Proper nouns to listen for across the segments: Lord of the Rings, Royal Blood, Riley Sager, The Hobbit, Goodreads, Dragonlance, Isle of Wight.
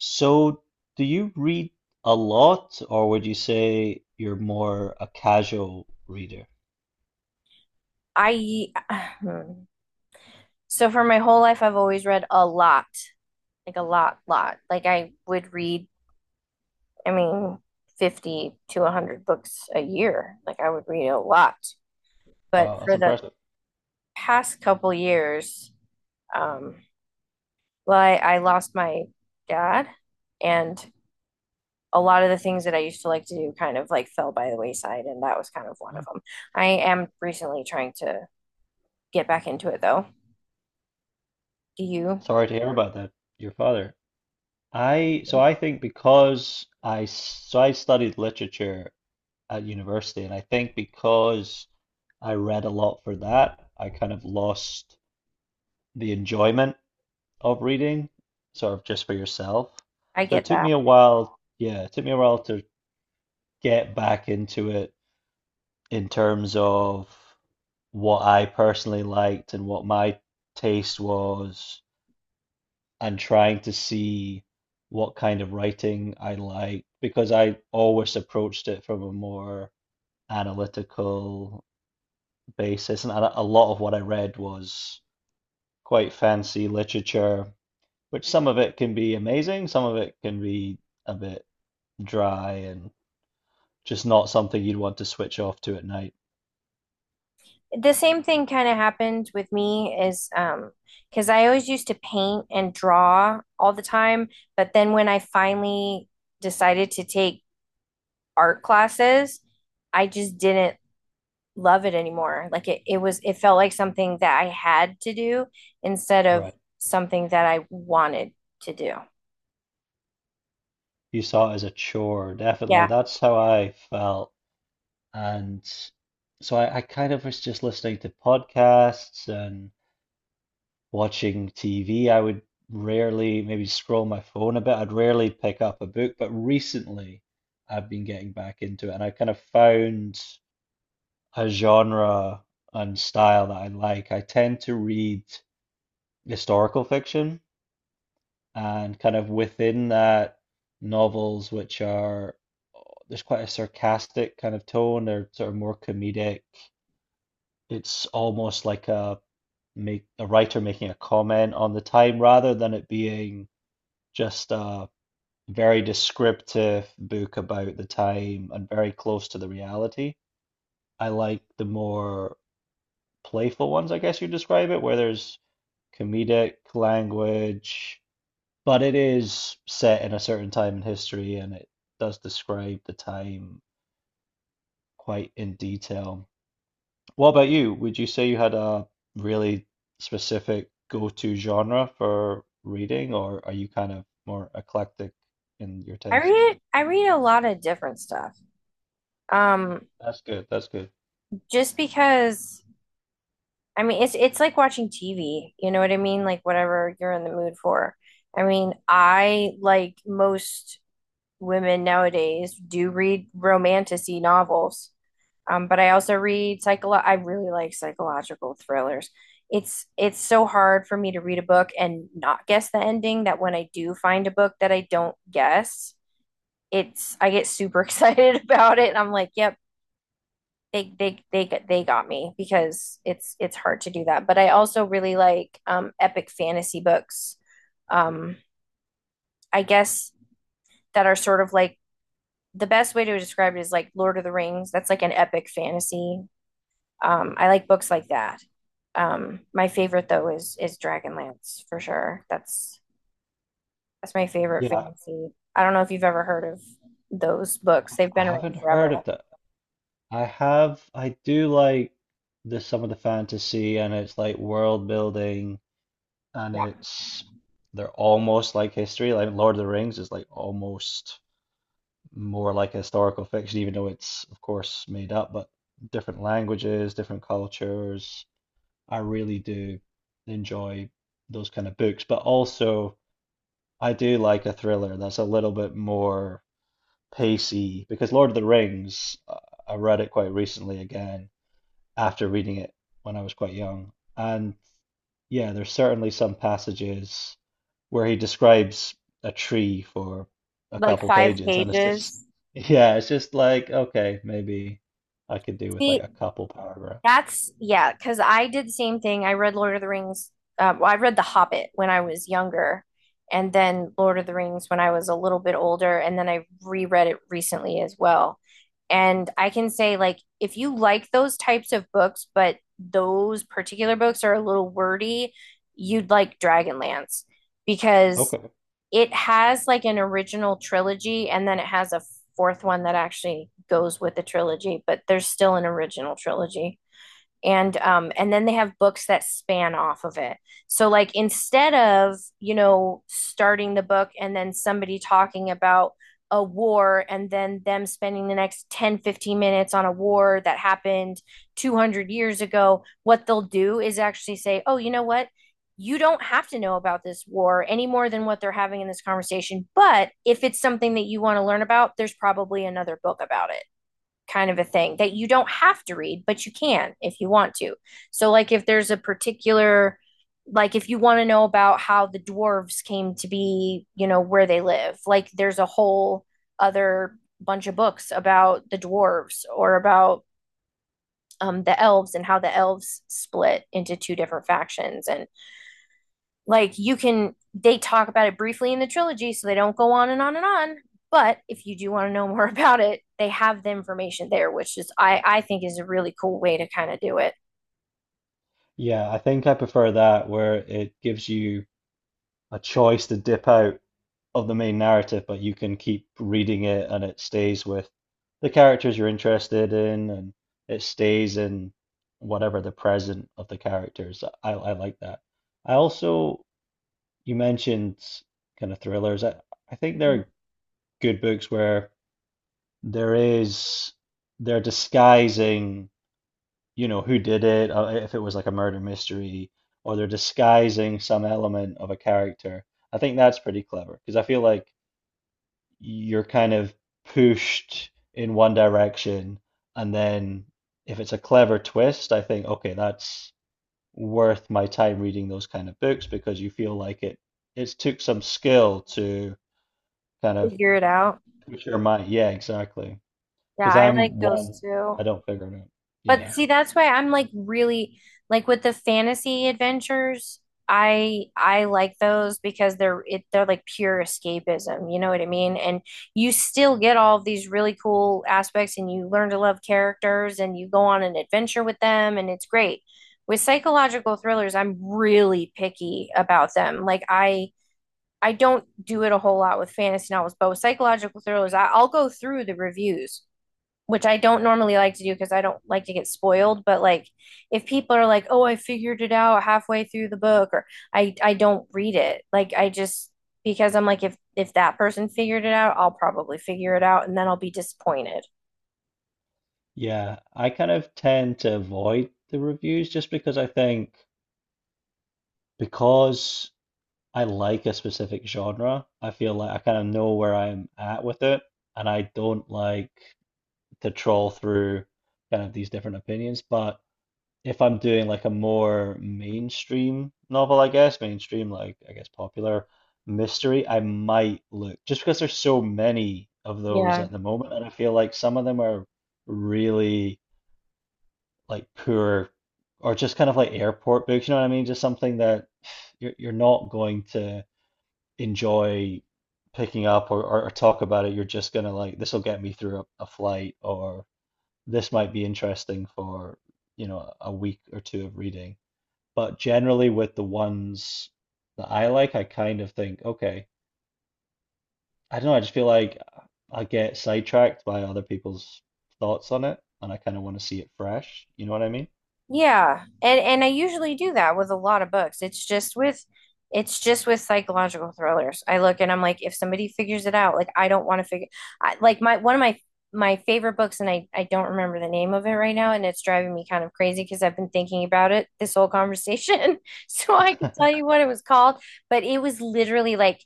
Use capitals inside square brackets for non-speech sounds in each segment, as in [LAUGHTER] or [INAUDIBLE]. So, do you read a lot, or would you say you're more a casual reader? I [SIGHS] hmm. So for my whole life I've always read a lot, like a lot, lot. Like I would read, I mean, 50 to 100 books a year. Like I would read a lot. But Wow, that's for the impressive. past couple years, um, well, I lost my dad, and a lot of the things that I used to like to do kind of like fell by the wayside, and that was kind of one of them. I am recently trying to get back into it though. Do you? Sorry to hear about that, your father. I so I think because I s- so I studied literature at university, and I think because I read a lot for that, I kind of lost the enjoyment of reading, sort of just for yourself. I So it get took that. me a while, yeah, it took me a while to get back into it in terms of what I personally liked and what my taste was, and trying to see what kind of writing I liked because I always approached it from a more analytical basis. And a lot of what I read was quite fancy literature, which some of it can be amazing, some of it can be a bit dry and just not something you'd want to switch off to at night. The same thing kind of happened with me is because I always used to paint and draw all the time, but then when I finally decided to take art classes, I just didn't love it anymore. Like it felt like something that I had to do instead of Right. something that I wanted to do. You saw it as a chore, definitely. Yeah. That's how I felt. And so I kind of was just listening to podcasts and watching TV. I would rarely maybe scroll my phone a bit. I'd rarely pick up a book, but recently I've been getting back into it and I kind of found a genre and style that I like. I tend to read historical fiction and kind of within that, novels which are, there's quite a sarcastic kind of tone, they're sort of more comedic. It's almost like a writer making a comment on the time rather than it being just a very descriptive book about the time and very close to the reality. I like the more playful ones, I guess you describe it, where there's comedic language, but it is set in a certain time in history and it does describe the time quite in detail. What about you? Would you say you had a really specific go-to genre for reading, or are you kind of more eclectic in your I tastes? read I read a lot of different stuff. Um That's good. That's good. just because I mean, it's like watching TV, you know what I mean? Like whatever you're in the mood for. I mean, I like most women nowadays do read romantic-y novels. But I also read psycholo I really like psychological thrillers. It's so hard for me to read a book and not guess the ending that when I do find a book that I don't guess, it's I get super [LAUGHS] excited about it, and I'm like, yep, they got me because it's hard to do that. But I also really like epic fantasy books. Um, I guess that are sort of like the best way to describe it is like Lord of the Rings. That's like an epic fantasy. I like books like that. My favorite though is Dragonlance for sure. That's my favorite Yeah, fantasy. I don't know if you've ever heard of those books. They've I been around haven't forever. heard of that. I have. I do like the some of the fantasy, and it's like world building, and Yeah. it's they're almost like history. Like Lord of the Rings is like almost more like historical fiction, even though it's of course made up, but different languages, different cultures. I really do enjoy those kind of books, but also I do like a thriller that's a little bit more pacey because Lord of the Rings, I read it quite recently again after reading it when I was quite young. And yeah, there's certainly some passages where he describes a tree for a Like couple five pages, and it's just, pages. [LAUGHS] yeah, it's just like, okay, maybe I could do with like See, a couple paragraphs. that's, yeah, because I did the same thing. I read Lord of the Rings. Well, I read The Hobbit when I was younger, and then Lord of the Rings when I was a little bit older, and then I reread it recently as well. And I can say, like, if you like those types of books, but those particular books are a little wordy, you'd like Dragonlance because Okay. it has like an original trilogy, and then it has a fourth one that actually goes with the trilogy, but there's still an original trilogy, and then they have books that span off of it. So, like, instead of starting the book and then somebody talking about a war, and then them spending the next 10, 15 minutes on a war that happened 200 years ago, what they'll do is actually say, oh, you know what, you don't have to know about this war any more than what they're having in this conversation, but if it's something that you want to learn about, there's probably another book about it. Kind of a thing that you don't have to read, but you can if you want to. So, like, if there's a particular, like, if you want to know about how the dwarves came to be, where they live, like, there's a whole other bunch of books about the dwarves, or about the elves and how the elves split into two different factions. And like you can they talk about it briefly in the trilogy, so they don't go on and on and on. But if you do want to know [LAUGHS] more about it, they have the information there, which is I think is a really cool way to kind of do it. Yeah, I think I prefer that where it gives you a choice to dip out of the main narrative, but you can keep reading it and it stays with the characters you're interested in and it stays in whatever the present of the characters. I like that. I also, you mentioned kind of thrillers. I think there Mhm. are good books where there is, they're disguising, who did it, if it was like a murder mystery, or they're disguising some element of a character. I think that's pretty clever because I feel like you're kind of pushed in one direction, and then if it's a clever twist, I think, okay, that's worth my time reading those kind of books because you feel like it's took some skill to kind of Figure it out. push your mind. Yeah, exactly. Yeah, Because I like I'm those one, I too. don't figure it out. But yeah. Yeah. See, that's why I'm like really like with the fantasy adventures, I like those because they're like pure escapism, you know what I mean? And you still get all of these really cool aspects, and you learn to love characters and you go on an adventure with them, and it's great. With psychological thrillers, I'm really picky about them. Like I don't do it a whole lot with fantasy novels, but with psychological thrillers, I'll go through the reviews, which I don't normally like to do because I don't like to get spoiled, but like if people are like, "Oh, I figured it out halfway through the book," or I don't read it. Like I just because I'm like if that person figured it out, I'll probably figure it out and then I'll be disappointed. Yeah, I kind of tend to avoid the reviews just because I think because I like a specific genre. I feel like I kind of know where I'm at with it, and I don't like to troll through kind of these different opinions. But if I'm doing like a more mainstream novel, I guess, mainstream, like I guess popular mystery, I might look just because there's so many of those Yeah. at the moment, and I feel like some of them are really like poor or just kind of like airport books, you know what I mean? Just something that you're not going to enjoy picking up, or talk about it. You're just gonna like, this will get me through a flight, or this might be interesting for a week or two of reading. But generally, with the ones that I like, I kind of think, okay, I don't know, I just feel like I get sidetracked by other people's thoughts on it, and I kind of want to see it fresh. You know what I mean? Yeah, and I usually do that with a lot of books. It's just with psychological thrillers. I look and I'm like, if somebody figures it out, like I don't want to figure I, like my one of my favorite books, and I don't remember the name of it right now, and it's driving me kind of crazy because I've been thinking about it this whole conversation [LAUGHS] so I could tell [LAUGHS] you what it was called, but it was literally like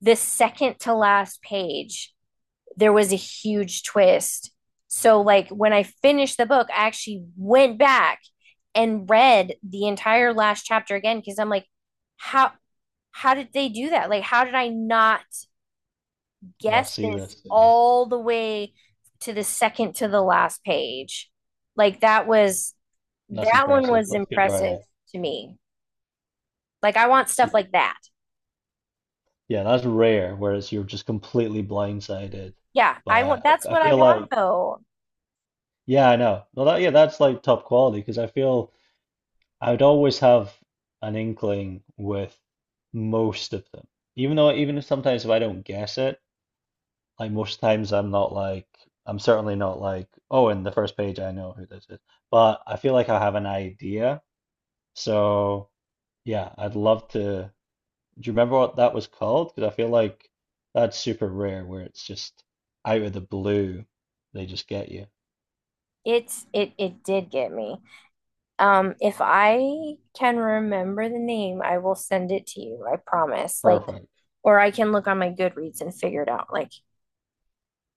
the second to last page there was a huge twist. So, like, when I finished the book, I actually went back and read the entire last chapter again because I'm like, how did they do that? Like, how did I not Not guess see this this. Yeah, all the way to the second to the last page? Like, that's that one impressive. was That's good impressive writing. to me. Like, I want stuff Yeah. like that. Yeah, that's rare, whereas you're just completely blindsided Yeah, I by want it. that's I what I feel want like, though. yeah, I know. Well, that, yeah, that's like top quality because I feel I would always have an inkling with most of them. Even though, even if sometimes if I don't guess it, like most times I'm not like, I'm certainly not like, oh, in the first page I know who this is. But I feel like I have an idea. So, yeah, I'd love to. Do you remember what that was called? Because I feel like that's super rare where it's just out of the blue, they just get you. It did get me. If I can remember the name, I will send it to you. I promise. Like, Perfect. or I can look on my Goodreads and figure it out. Like,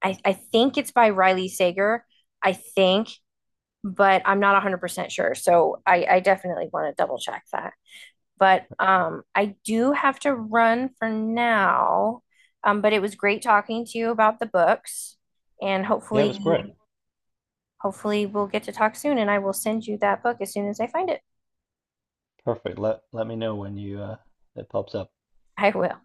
I think it's by Riley Sager. I think, but I'm not 100% sure. So I definitely want to double check that. But I do have to run for now. But it was great talking to you about the books, and Yeah, it was great. Hopefully we'll get to talk soon. And I will send you that book as soon as I find it. Perfect. Let me know when you it pops up. I will.